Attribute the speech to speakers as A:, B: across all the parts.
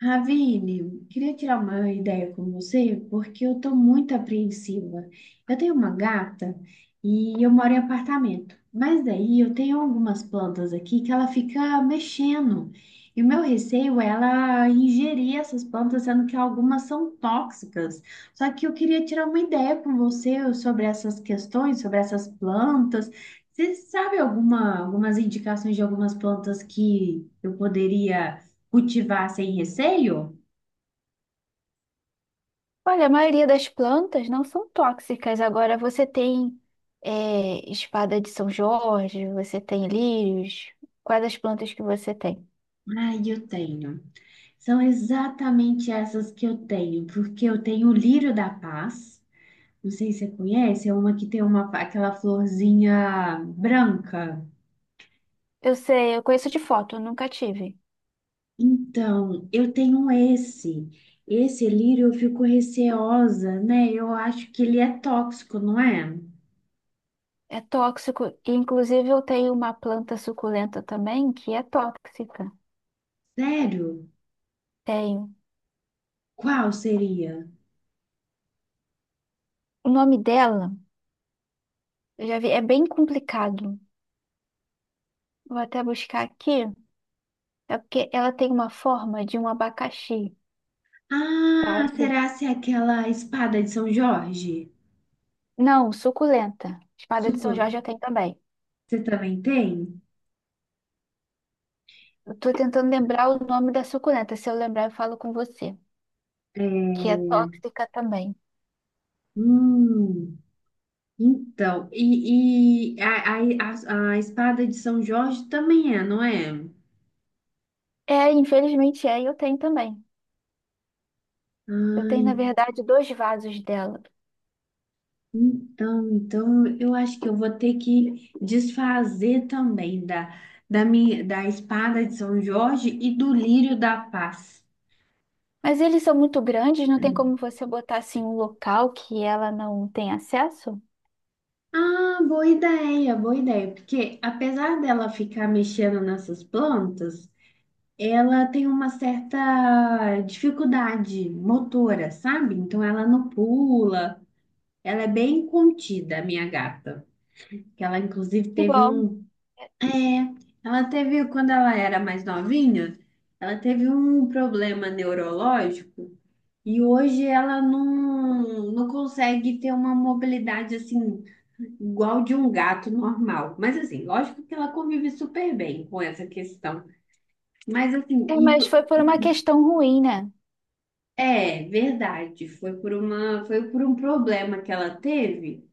A: Ravine, queria tirar uma ideia com você, porque eu estou muito apreensiva. Eu tenho uma gata e eu moro em apartamento, mas daí eu tenho algumas plantas aqui que ela fica mexendo. E o meu receio é ela ingerir essas plantas, sendo que algumas são tóxicas. Só que eu queria tirar uma ideia com você sobre essas questões, sobre essas plantas. Você sabe alguma, algumas indicações de algumas plantas que eu poderia cultivar sem receio?
B: Olha, a maioria das plantas não são tóxicas. Agora você tem espada de São Jorge, você tem lírios. Quais as plantas que você tem?
A: Ai, eu tenho. São exatamente essas que eu tenho, porque eu tenho o lírio da paz. Não sei se você conhece, é uma que tem uma, aquela florzinha branca.
B: Eu sei, eu conheço de foto, eu nunca tive.
A: Então, eu tenho esse. Esse lírio eu fico receosa, né? Eu acho que ele é tóxico, não é?
B: É tóxico. Inclusive, eu tenho uma planta suculenta também que é tóxica.
A: Sério?
B: Tenho.
A: Qual seria?
B: O nome dela, eu já vi, é bem complicado. Vou até buscar aqui. É porque ela tem uma forma de um abacaxi,
A: Ah,
B: sabe?
A: será se é aquela espada de São Jorge?
B: Não, suculenta. Espada de São
A: Suco,
B: Jorge eu tenho também.
A: você também tem?
B: Eu tô tentando lembrar o nome da suculenta. Se eu lembrar, eu falo com você. Que é
A: É,
B: tóxica também.
A: hum, então, a espada de São Jorge também é, não é?
B: É, infelizmente é, e eu tenho também. Eu tenho, na
A: Ai,
B: verdade, dois vasos dela.
A: então, então eu acho que eu vou ter que desfazer também da, da, minha, da espada de São Jorge e do lírio da paz.
B: Mas eles são muito grandes, não tem como você botar assim um local que ela não tem acesso?
A: Ah, boa ideia, porque apesar dela ficar mexendo nessas plantas, ela tem uma certa dificuldade motora, sabe? Então ela não pula, ela é bem contida, a minha gata. Que ela inclusive
B: Que
A: teve
B: bom.
A: um, é, ela teve quando ela era mais novinha, ela teve um problema neurológico e hoje ela não consegue ter uma mobilidade assim igual de um gato normal. Mas assim, lógico que ela convive super bem com essa questão. Mas assim,
B: É,
A: e
B: mas foi por uma questão ruim, né?
A: é, verdade. Foi por uma, foi por um problema que ela teve,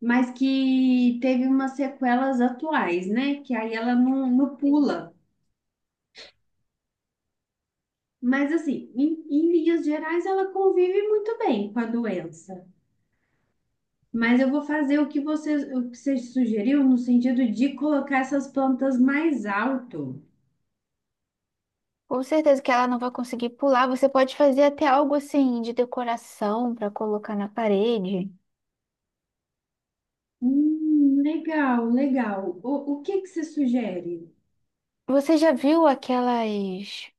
A: mas que teve umas sequelas atuais, né? Que aí ela não, não
B: Sim.
A: pula. Mas assim, em, em linhas gerais, ela convive muito bem com a doença. Mas eu vou fazer o que você sugeriu no sentido de colocar essas plantas mais alto.
B: Com certeza que ela não vai conseguir pular. Você pode fazer até algo assim de decoração para colocar na parede.
A: Legal, legal. O que que você sugere?
B: Você já viu aquelas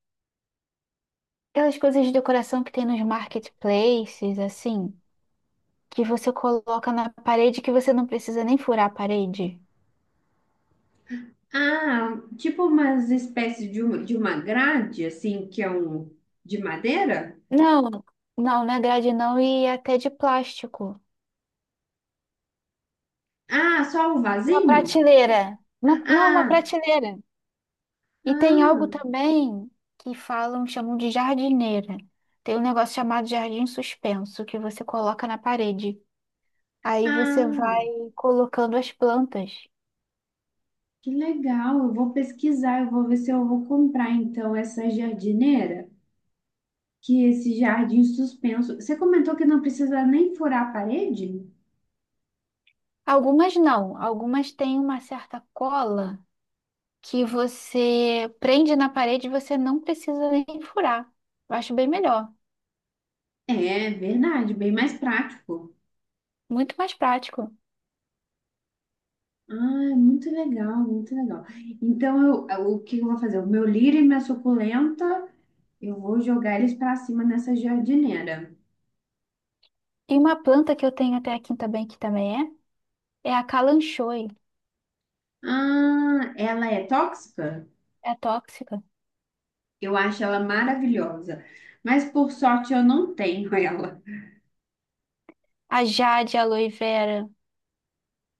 B: Aquelas coisas de decoração que tem nos marketplaces, assim, que você coloca na parede que você não precisa nem furar a parede.
A: Ah, tipo umas espécies de uma grade, assim, que é um de madeira?
B: Não, não, não é grade não, e é até de plástico.
A: Ah, só o
B: Uma
A: vasinho?
B: prateleira. Não, uma
A: Ah,
B: prateleira. E tem algo
A: ah,
B: também que falam, chamam de jardineira. Tem um negócio chamado jardim suspenso que você coloca na parede. Aí você
A: ah,
B: vai colocando as plantas.
A: que legal. Eu vou pesquisar, eu vou ver se eu vou comprar então essa jardineira, que esse jardim suspenso. Você comentou que não precisa nem furar a parede?
B: Algumas não, algumas têm uma certa cola que você prende na parede e você não precisa nem furar. Eu acho bem melhor,
A: É, verdade, bem mais prático.
B: muito mais prático.
A: Ah, é muito legal, muito legal. Então, eu, o que eu vou fazer? O meu lírio e minha suculenta. Eu vou jogar eles pra cima nessa jardineira.
B: E uma planta que eu tenho até aqui também, que também é a calanchoe,
A: Ah, ela é tóxica?
B: é tóxica.
A: Eu acho ela maravilhosa, mas por sorte eu não tenho ela.
B: A jade, a aloe vera.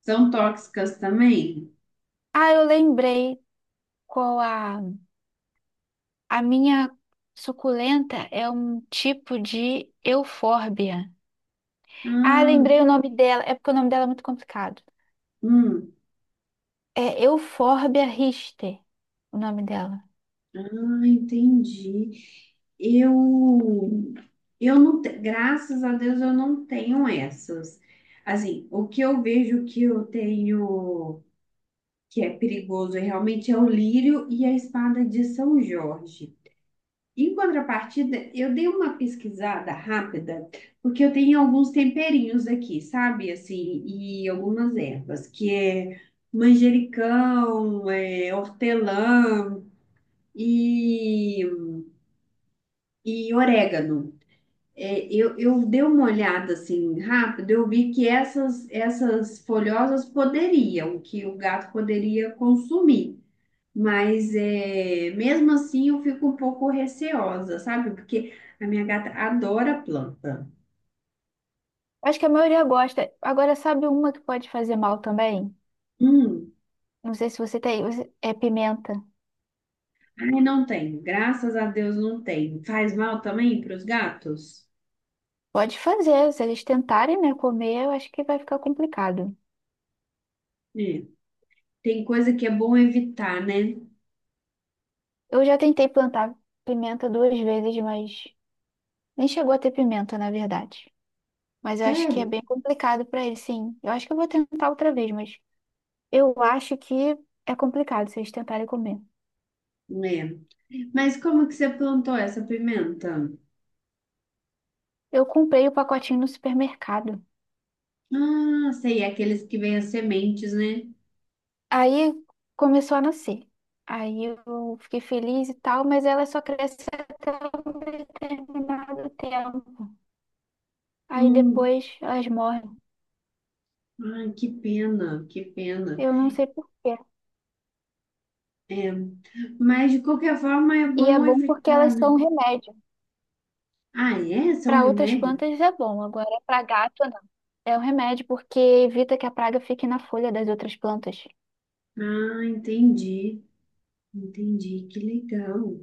A: São tóxicas também?
B: Ah, eu lembrei qual a minha suculenta é um tipo de eufórbia. Ah,
A: Ah,
B: lembrei o nome dela, é porque o nome dela é muito complicado.
A: hum,
B: É Euphorbia rister, o nome dela.
A: ah, entendi. Eu, eu não, te- graças a Deus eu não tenho essas. Assim, o que eu vejo que eu tenho que é perigoso é realmente é o lírio e a espada de São Jorge. Em contrapartida, eu dei uma pesquisada rápida, porque eu tenho alguns temperinhos aqui, sabe? Assim, e algumas ervas, que é manjericão, é, hortelã e, e orégano. É, eu dei uma olhada assim rápido, eu vi que essas, essas folhosas poderiam, que o gato poderia consumir. Mas é, mesmo assim eu fico um pouco receosa, sabe? Porque a minha gata adora planta.
B: Acho que a maioria gosta. Agora, sabe uma que pode fazer mal também?
A: Hum,
B: Não sei se você tem. É pimenta.
A: ai, não tenho. Graças a Deus não tenho. Faz mal também para os gatos?
B: Pode fazer. Se eles tentarem, né, comer, eu acho que vai ficar complicado.
A: É. Tem coisa que é bom evitar, né?
B: Eu já tentei plantar pimenta duas vezes, mas nem chegou a ter pimenta, na verdade. Mas eu acho que é
A: Sério?
B: bem complicado para eles, sim. Eu acho que eu vou tentar outra vez, mas eu acho que é complicado se eles tentarem comer.
A: É. Mas como que você plantou essa pimenta?
B: Eu comprei o pacotinho no supermercado.
A: Ah, sei, é aqueles que vêm as sementes, né?
B: Aí começou a nascer. Aí eu fiquei feliz e tal, mas ela só cresce até um determinado tempo. Aí
A: Hum,
B: depois elas morrem.
A: ai, que pena, que pena.
B: Eu não sei por quê.
A: Mas de qualquer forma é
B: E é
A: bom
B: bom porque elas
A: evitar, né?
B: são um remédio.
A: Ah, é? São
B: Para outras
A: remédios?
B: plantas é bom, agora para gato não. É um remédio porque evita que a praga fique na folha das outras plantas.
A: Ah, entendi, entendi, que legal.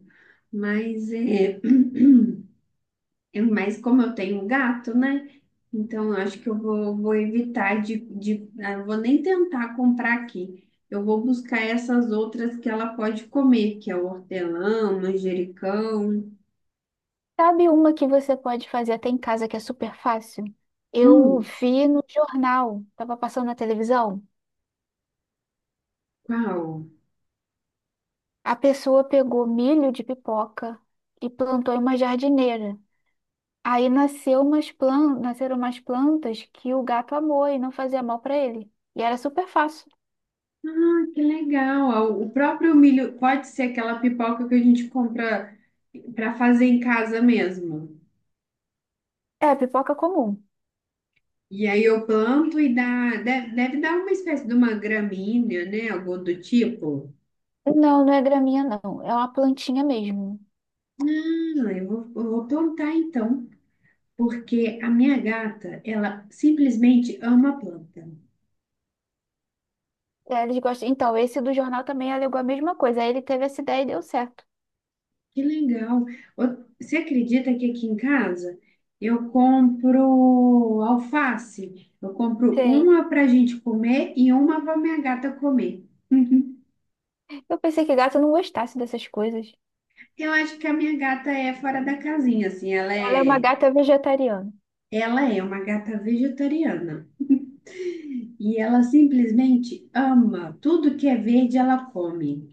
A: Mas é, é mais como eu tenho um gato, né? Então eu acho que eu vou, vou evitar eu vou nem tentar comprar aqui. Eu vou buscar essas outras que ela pode comer, que é o hortelã, o manjericão.
B: Sabe uma que você pode fazer até em casa que é super fácil? Eu
A: Hum,
B: vi no jornal, tava passando na televisão.
A: qual?
B: A pessoa pegou milho de pipoca e plantou em uma jardineira. Aí nasceu nasceram umas plantas que o gato amou e não fazia mal para ele. E era super fácil.
A: Ah, que legal. Ah, o próprio milho pode ser aquela pipoca que a gente compra para fazer em casa mesmo.
B: É, pipoca comum.
A: E aí eu planto e dá, deve, deve dar uma espécie de uma gramínea, né? Algo do tipo.
B: Não é graminha, não. É uma plantinha mesmo.
A: Não, eu vou plantar então, porque a minha gata, ela simplesmente ama planta.
B: É, eles gostam. Então, esse do jornal também alegou a mesma coisa. Aí ele teve essa ideia e deu certo.
A: Que legal. Ô, você acredita que aqui em casa eu compro alface? Eu compro
B: Sei.
A: uma para a gente comer e uma para minha gata comer.
B: Eu pensei que gato não gostasse dessas coisas.
A: Eu acho que a minha gata é fora da casinha, assim,
B: Ela é uma gata vegetariana.
A: ela é uma gata vegetariana. E ela simplesmente ama. Tudo que é verde, ela come.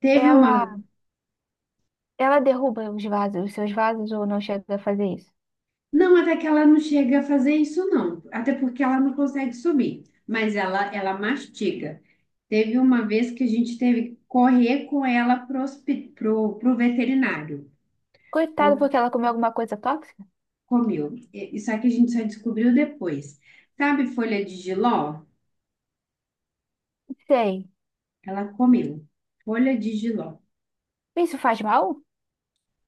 A: Teve uma.
B: Ela, ela derruba os vasos, os seus vasos ou não chega a fazer isso?
A: Não, até que ela não chega a fazer isso, não. Até porque ela não consegue subir. Mas ela mastiga. Teve uma vez que a gente teve que correr com ela pro veterinário.
B: Coitado,
A: Por-
B: porque ela comeu alguma coisa tóxica?
A: comeu. E- isso aqui a gente só descobriu depois. Sabe folha de jiló?
B: Sei.
A: Ela comeu. Folha de jiló.
B: Isso faz mal?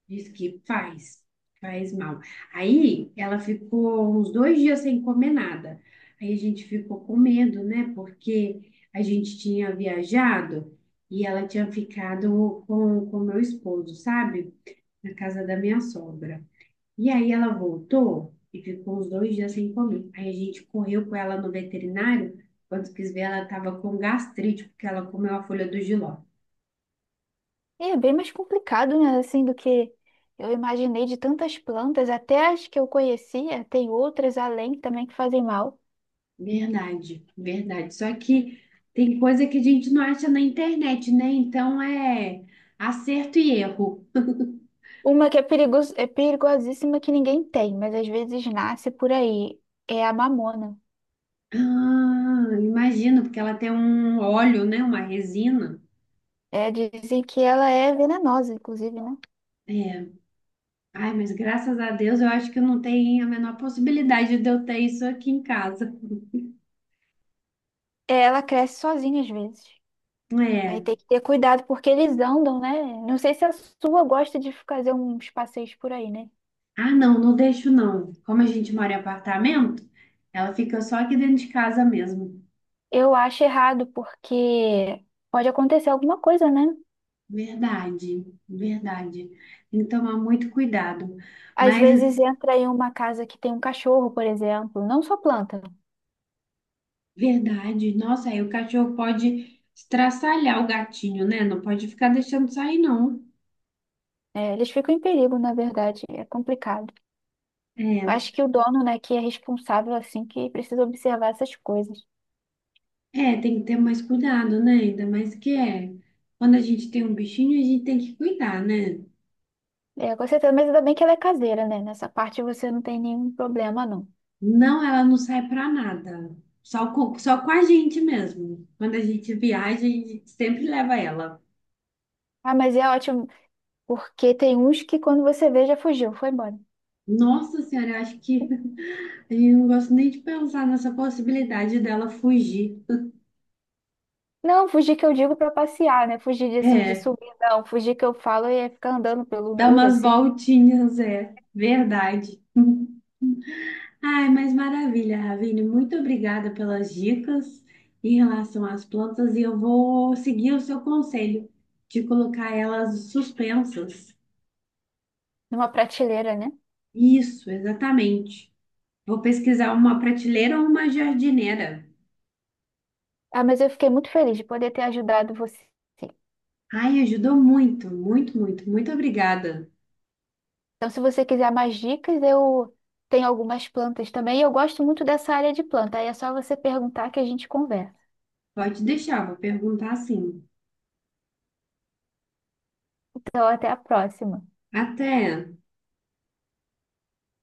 A: Diz que faz, faz mal. Aí ela ficou uns dois dias sem comer nada. Aí a gente ficou com medo, né? Porque a gente tinha viajado e ela tinha ficado com o meu esposo, sabe? Na casa da minha sogra. E aí ela voltou e ficou uns dois dias sem comer. Aí a gente correu com ela no veterinário. Quando quis ver, ela estava com gastrite, porque ela comeu a folha do jiló.
B: É bem mais complicado, né? Assim, do que eu imaginei, de tantas plantas, até as que eu conhecia, tem outras além também que fazem mal.
A: Verdade, verdade. Só que tem coisa que a gente não acha na internet, né? Então é acerto e erro.
B: Uma que é perigoso, é perigosíssima, que ninguém tem, mas às vezes nasce por aí. É a mamona.
A: Ah, imagino, porque ela tem um óleo, né? Uma resina.
B: É, dizem que ela é venenosa, inclusive, né?
A: É. Ai, mas graças a Deus eu acho que não tem a menor possibilidade de eu ter isso aqui em casa.
B: É, ela cresce sozinha às vezes. Aí
A: É.
B: tem que ter cuidado porque eles andam, né? Não sei se a sua gosta de fazer uns passeios por aí, né?
A: Ah, não, não deixo não. Como a gente mora em apartamento, ela fica só aqui dentro de casa mesmo.
B: Eu acho errado porque pode acontecer alguma coisa, né?
A: Verdade, verdade. Tem que tomar muito cuidado.
B: Às
A: Mas
B: vezes entra em uma casa que tem um cachorro, por exemplo, não só planta.
A: verdade. Nossa, aí o cachorro pode estraçalhar o gatinho, né? Não pode ficar deixando sair, não.
B: É, eles ficam em perigo, na verdade, é complicado.
A: É,
B: Acho que o dono, né, que é responsável, assim, que precisa observar essas coisas.
A: é, tem que ter mais cuidado, né? Ainda mais que é. Quando a gente tem um bichinho, a gente tem que cuidar, né?
B: É, com certeza, mas ainda bem que ela é caseira, né? Nessa parte você não tem nenhum problema, não.
A: Não, ela não sai pra nada. Só com a gente mesmo. Quando a gente viaja, a gente sempre leva ela.
B: Ah, mas é ótimo, porque tem uns que quando você vê já fugiu, foi embora.
A: Nossa Senhora, eu acho que a gente não gosta nem de pensar nessa possibilidade dela fugir.
B: Não, fugir que eu digo pra passear, né? Fugir de, assim, de
A: É,
B: subir, não. Fugir que eu falo é ficar andando pelo
A: dar
B: muro,
A: umas
B: assim.
A: voltinhas, é verdade. Ai, mas maravilha, Ravine. Muito obrigada pelas dicas em relação às plantas e eu vou seguir o seu conselho de colocar elas suspensas.
B: Numa prateleira, né?
A: Isso, exatamente. Vou pesquisar uma prateleira ou uma jardineira.
B: Ah, mas eu fiquei muito feliz de poder ter ajudado você.
A: Ai, ajudou muito, muito, muito, muito obrigada.
B: Então, se você quiser mais dicas, eu tenho algumas plantas também. E eu gosto muito dessa área de planta. Aí é só você perguntar que a gente conversa.
A: Pode deixar, vou perguntar sim.
B: Então, até a próxima.
A: Até.